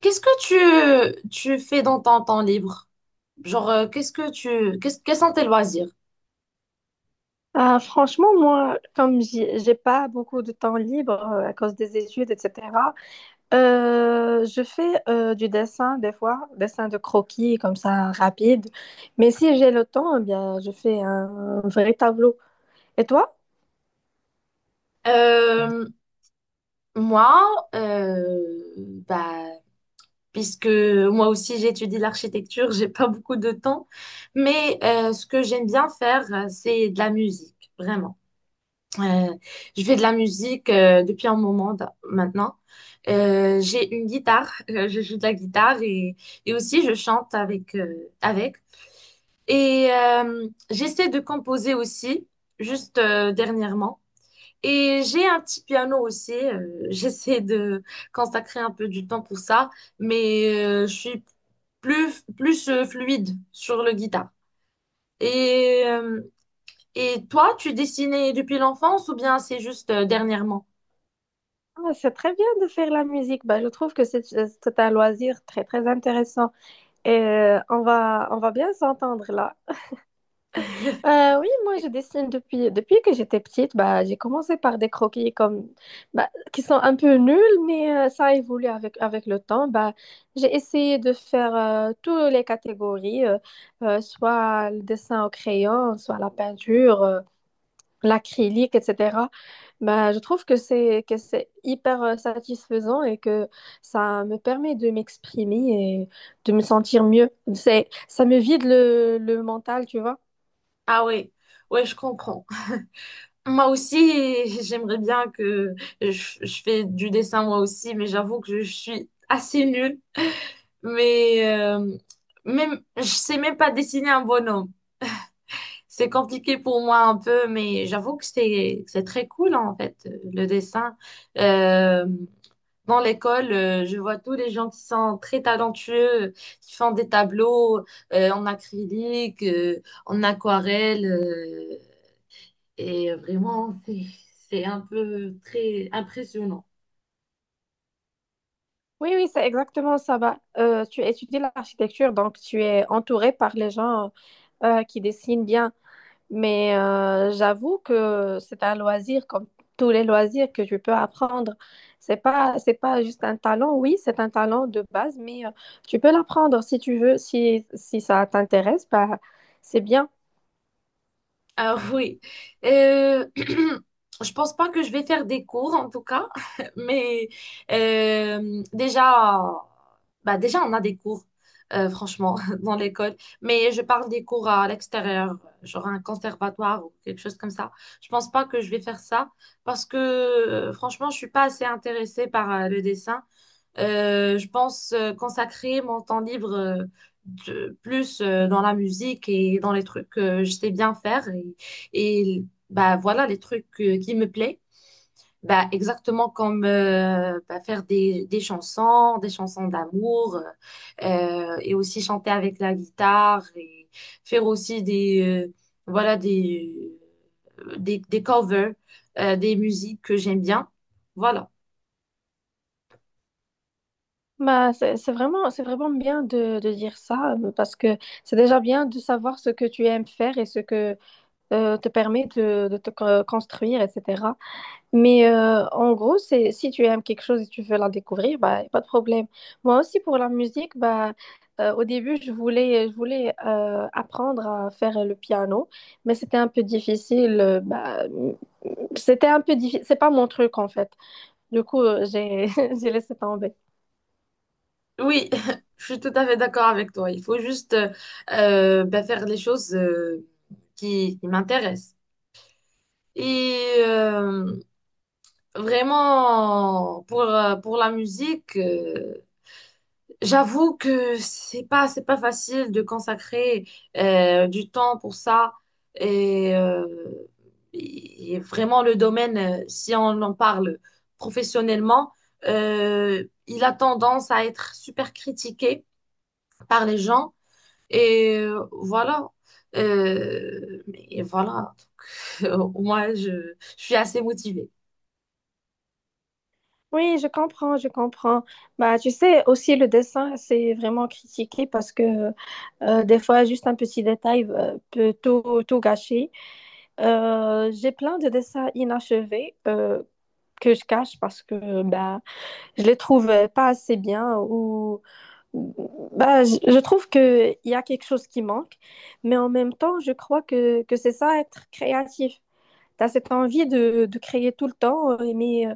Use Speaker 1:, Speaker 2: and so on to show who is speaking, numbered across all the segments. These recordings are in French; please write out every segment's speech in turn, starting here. Speaker 1: Qu'est-ce que tu fais dans ton temps libre? Genre, qu'est-ce que tu, qu'est-ce, quels sont tes loisirs?
Speaker 2: Ah, franchement, moi, comme j'ai pas beaucoup de temps libre à cause des études, etc., je fais du dessin des fois, dessin de croquis comme ça, rapide. Mais si j'ai le temps, eh bien, je fais un vrai tableau. Et toi?
Speaker 1: Euh, moi, euh, bah, Puisque moi aussi j'étudie l'architecture, j'ai pas beaucoup de temps, mais ce que j'aime bien faire, c'est de la musique, vraiment. Euh, je fais de la musique depuis un moment maintenant. J'ai une guitare, je joue de la guitare et aussi je chante avec, avec. Et j'essaie de composer aussi, juste dernièrement. Et j'ai un petit piano aussi. J'essaie de consacrer un peu du temps pour ça, mais je suis plus fluide sur le guitare. Et, euh, et toi, tu dessinais depuis l'enfance ou bien c'est juste dernièrement?
Speaker 2: Ah, c'est très bien de faire la musique. Bah, je trouve que c'est un loisir très, très intéressant. Et on va bien s'entendre là. Oui, moi je dessine depuis, depuis que j'étais petite. Bah, j'ai commencé par des croquis comme, bah, qui sont un peu nuls, mais ça a évolué avec, avec le temps. Bah, j'ai essayé de faire toutes les catégories, soit le dessin au crayon, soit la peinture, l'acrylique, etc. Bah, je trouve que c'est hyper satisfaisant et que ça me permet de m'exprimer et de me sentir mieux. C'est, ça me vide le mental, tu vois.
Speaker 1: Ah oui, ouais, je comprends. Moi aussi, j'aimerais bien que je, je fais du dessin moi aussi, mais j'avoue que je suis assez nulle. Mais même, je sais même pas dessiner un bonhomme. C'est compliqué pour moi un peu, mais j'avoue que c'est très cool en fait le dessin. Euh, dans l'école, je vois tous les gens qui sont très talentueux, qui font des tableaux en acrylique, en aquarelle, et vraiment c'est un peu très impressionnant.
Speaker 2: Oui, oui, c'est exactement ça. Bah, tu étudies l'architecture, donc tu es entouré par les gens qui dessinent bien. Mais j'avoue que c'est un loisir comme tous les loisirs que tu peux apprendre. C'est pas juste un talent. Oui, c'est un talent de base, mais tu peux l'apprendre si tu veux, si, si ça t'intéresse, bah, c'est bien.
Speaker 1: Ah oui. Euh, je pense pas que je vais faire des cours en tout cas, mais déjà, déjà on a des cours, franchement, dans l'école. Mais je parle des cours à l'extérieur, genre un conservatoire ou quelque chose comme ça. Je pense pas que je vais faire ça parce que franchement, je suis pas assez intéressée par le dessin. Je pense consacrer mon temps libre plus dans la musique et dans les trucs que je sais bien faire et, bah voilà les trucs qui me plaisent, bah exactement comme faire des chansons d'amour, et aussi chanter avec la guitare et faire aussi des euh, voilà des des covers des musiques que j'aime bien. Voilà.
Speaker 2: Bah, c'est vraiment, c'est vraiment bien de dire ça parce que c'est déjà bien de savoir ce que tu aimes faire et ce que te permet de te co- construire, etc. Mais en gros, c'est, si tu aimes quelque chose et tu veux la découvrir, bah, y a pas de problème. Moi aussi, pour la musique, bah, au début, je voulais apprendre à faire le piano, mais c'était un peu difficile. C'était un peu difficile. C'est pas mon truc, en fait. Du coup, j'ai, j'ai laissé tomber.
Speaker 1: Oui, je suis tout à fait d'accord avec toi. Il faut juste faire les choses qui m'intéressent. Et euh, vraiment, pour la musique, j'avoue que c'est pas facile de consacrer du temps pour ça. Et, euh, et vraiment, le domaine, si on en parle professionnellement, il a tendance à être super critiqué par les gens. Voilà. Mais voilà. Donc, moi, je suis assez motivée.
Speaker 2: Oui, je comprends, je comprends. Bah, tu sais, aussi le dessin, c'est vraiment critiqué parce que des fois, juste un petit détail peut tout, tout gâcher. J'ai plein de dessins inachevés que je cache parce que bah, je les trouve pas assez bien ou bah, je trouve qu'il y a quelque chose qui manque. Mais en même temps, je crois que c'est ça, être créatif. Tu as cette envie de créer tout le temps, mais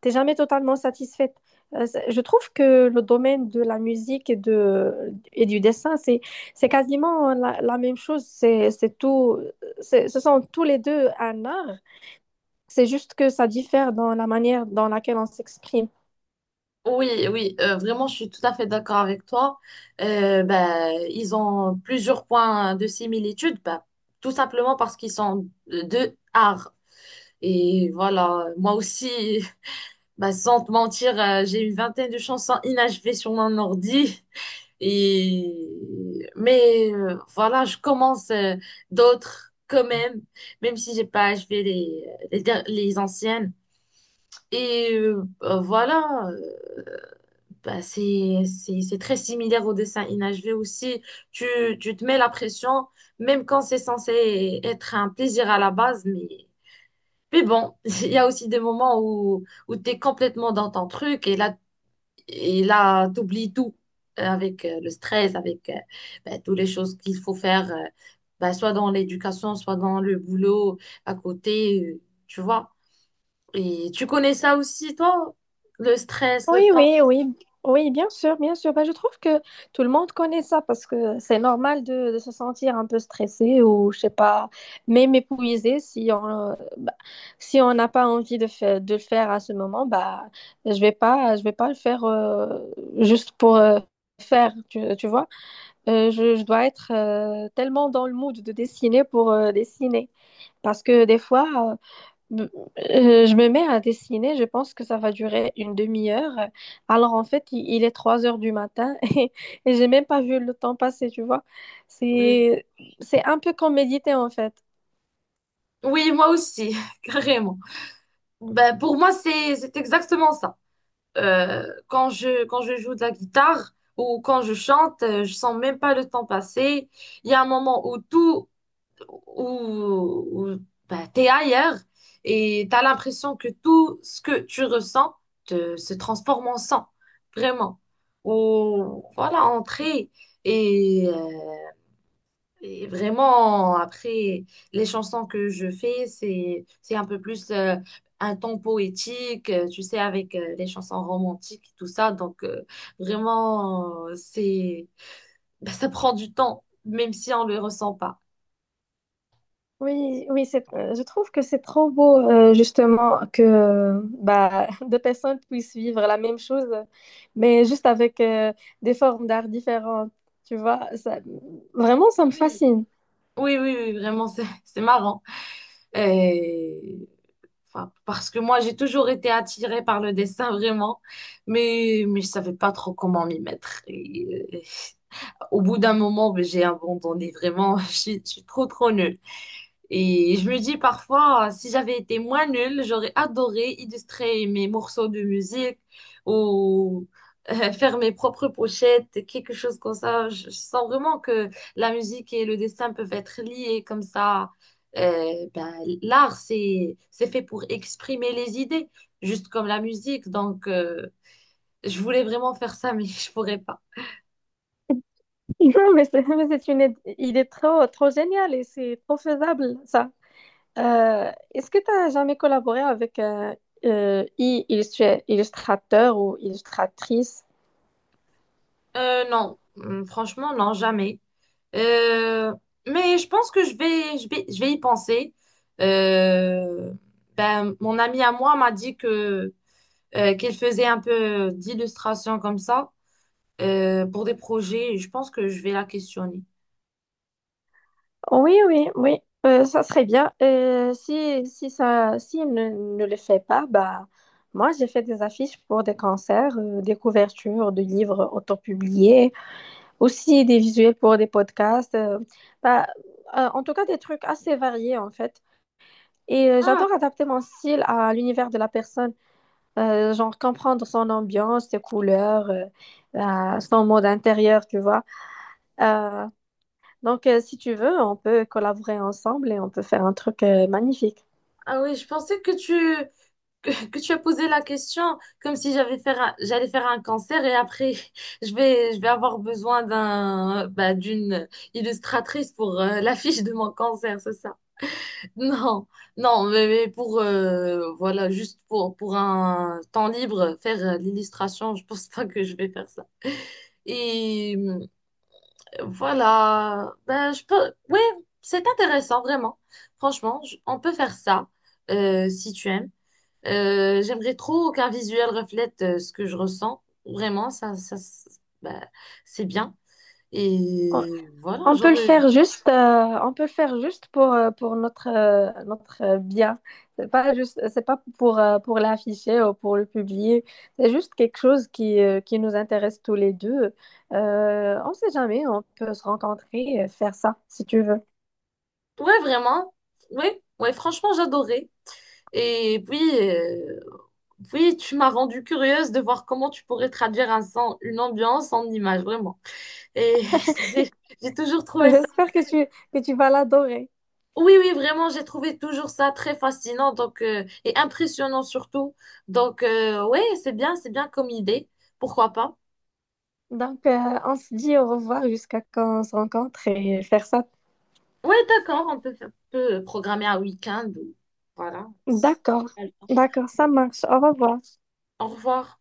Speaker 2: tu n'es jamais totalement satisfaite. Je trouve que le domaine de la musique et, de, et du dessin, c'est quasiment la, la même chose. C'est tout, ce sont tous les deux un art. C'est juste que ça diffère dans la manière dans laquelle on s'exprime.
Speaker 1: Oui, oui, vraiment, je suis tout à fait d'accord avec toi. Ben, ils ont plusieurs points de similitude, ben, tout simplement parce qu'ils sont deux arts. Et voilà, moi aussi, ben, sans te mentir, j'ai une vingtaine de chansons inachevées sur mon ordi. Et... Mais voilà, je commence d'autres quand même, même si j'ai pas achevé les anciennes. Et euh, euh, voilà, euh, c'est très similaire au dessin inachevé aussi. Tu, Tu te mets la pression, même quand c'est censé être un plaisir à la base, mais bon, il y a aussi des moments où tu es complètement dans ton truc et là, tu oublies tout avec le stress, avec ben, toutes les choses qu'il faut faire, ben, soit dans l'éducation, soit dans le boulot à côté, tu vois. Et tu connais ça aussi, toi? Le stress,
Speaker 2: Oui,
Speaker 1: le temps.
Speaker 2: oui, oui, oui, bien sûr, bien sûr. Bah, je trouve que tout le monde connaît ça parce que c'est normal de se sentir un peu stressé ou, je sais pas, même épuisé si on bah, si on n'a pas envie de, de le faire à ce moment, bah, je vais pas le faire juste pour faire, tu vois. Je dois être tellement dans le mood de dessiner pour dessiner. Parce que des fois, B- je me mets à dessiner, je pense que ça va durer une demi-heure. Alors en fait, il est 3 heures du matin et j'ai même pas vu le temps passer, tu vois.
Speaker 1: Oui.
Speaker 2: C'est, c'est un peu comme méditer en fait.
Speaker 1: Oui, moi aussi, carrément. Ben, pour moi, c'est exactement ça. Quand je joue de la guitare ou quand je chante, je sens même pas le temps passer. Il y a un moment où où bah, tu es ailleurs et tu as l'impression que tout ce que tu ressens se transforme en sang, vraiment. Ou voilà, entrer. Et, euh, et vraiment, après, les chansons que je fais, c'est un peu plus un ton poétique, tu sais, avec les chansons romantiques et tout ça. Donc, vraiment, bah, ça prend du temps, même si on ne le ressent pas.
Speaker 2: Oui, oui, c'est, je trouve que c'est trop beau justement que bah, deux personnes puissent vivre la même chose, mais juste avec des formes d'art différentes, tu vois. Ça, vraiment, ça me
Speaker 1: Oui.
Speaker 2: fascine.
Speaker 1: Oui, vraiment, c'est c'est marrant. Et, enfin, parce que moi, j'ai toujours été attirée par le dessin, vraiment, mais je savais pas trop comment m'y mettre. Et, euh, au bout d'un moment, mais j'ai abandonné, vraiment, je suis trop nulle. Et je me dis parfois, si j'avais été moins nulle, j'aurais adoré illustrer mes morceaux de musique ou faire mes propres pochettes, quelque chose comme ça. Je sens vraiment que la musique et le dessin peuvent être liés comme ça. Euh, ben, l'art, c'est fait pour exprimer les idées, juste comme la musique. Donc, je voulais vraiment faire ça, mais je pourrais pas.
Speaker 2: Non, mais c'est il est trop, trop génial et c'est trop faisable, ça. Est-ce que tu as jamais collaboré avec un illustrateur ou illustratrice?
Speaker 1: Non, franchement, non, jamais. Euh, mais je pense que je vais y penser. Euh, ben, mon ami à moi m'a dit que qu'il faisait un peu d'illustration comme ça pour des projets. Je pense que je vais la questionner.
Speaker 2: Oui, oui, oui. Ça serait bien. Si, si ça, si il ne, ne le fait pas, bah, moi, j'ai fait des affiches pour des concerts, des couvertures de livres autopubliés, aussi des visuels pour des podcasts. Bah, En tout cas, des trucs assez variés, en fait. Et
Speaker 1: Ah,
Speaker 2: j'adore adapter mon style à l'univers de la personne. Genre comprendre son ambiance, ses couleurs, son mode intérieur, tu vois. Euh, donc, si tu veux, on peut collaborer ensemble et on peut faire un truc magnifique.
Speaker 1: ah oui, je pensais que tu as posé la question comme si j'allais faire un cancer et après je vais avoir besoin d'une illustratrice pour l'affiche de mon cancer, c'est ça. Non, non, mais pour voilà, juste pour un temps libre, faire l'illustration, je pense pas que je vais faire ça. Et voilà, ben je peux, ouais, c'est intéressant vraiment. Franchement, on peut faire ça si tu aimes. J'aimerais trop qu'un visuel reflète ce que je ressens. Vraiment, ben, c'est bien.
Speaker 2: Oh,
Speaker 1: Et voilà,
Speaker 2: on peut le
Speaker 1: j'aurais,
Speaker 2: faire juste, on peut le faire juste pour notre, notre bien. C'est pas juste, c'est pas pour, pour l'afficher ou pour le publier. C'est juste quelque chose qui nous intéresse tous les deux. On sait jamais, on peut se rencontrer et faire ça si tu veux.
Speaker 1: ouais, vraiment, ouais, ouais, franchement, j'adorais. Et puis. euh, Oui, tu m'as rendu curieuse de voir comment tu pourrais traduire une ambiance en image, vraiment. Et j'ai j'ai toujours trouvé ça.
Speaker 2: J'espère que tu vas l'adorer.
Speaker 1: Oui, oui, vraiment, j'ai trouvé toujours ça très fascinant donc, et impressionnant surtout. Donc, ouais, c'est bien comme idée. Pourquoi pas?
Speaker 2: Donc, on se dit au revoir jusqu'à quand on se rencontre et faire ça.
Speaker 1: Ouais, d'accord, on peut, peut programmer un week-end. Voilà.
Speaker 2: D'accord, d'accord, ça marche. Au revoir.
Speaker 1: Au revoir.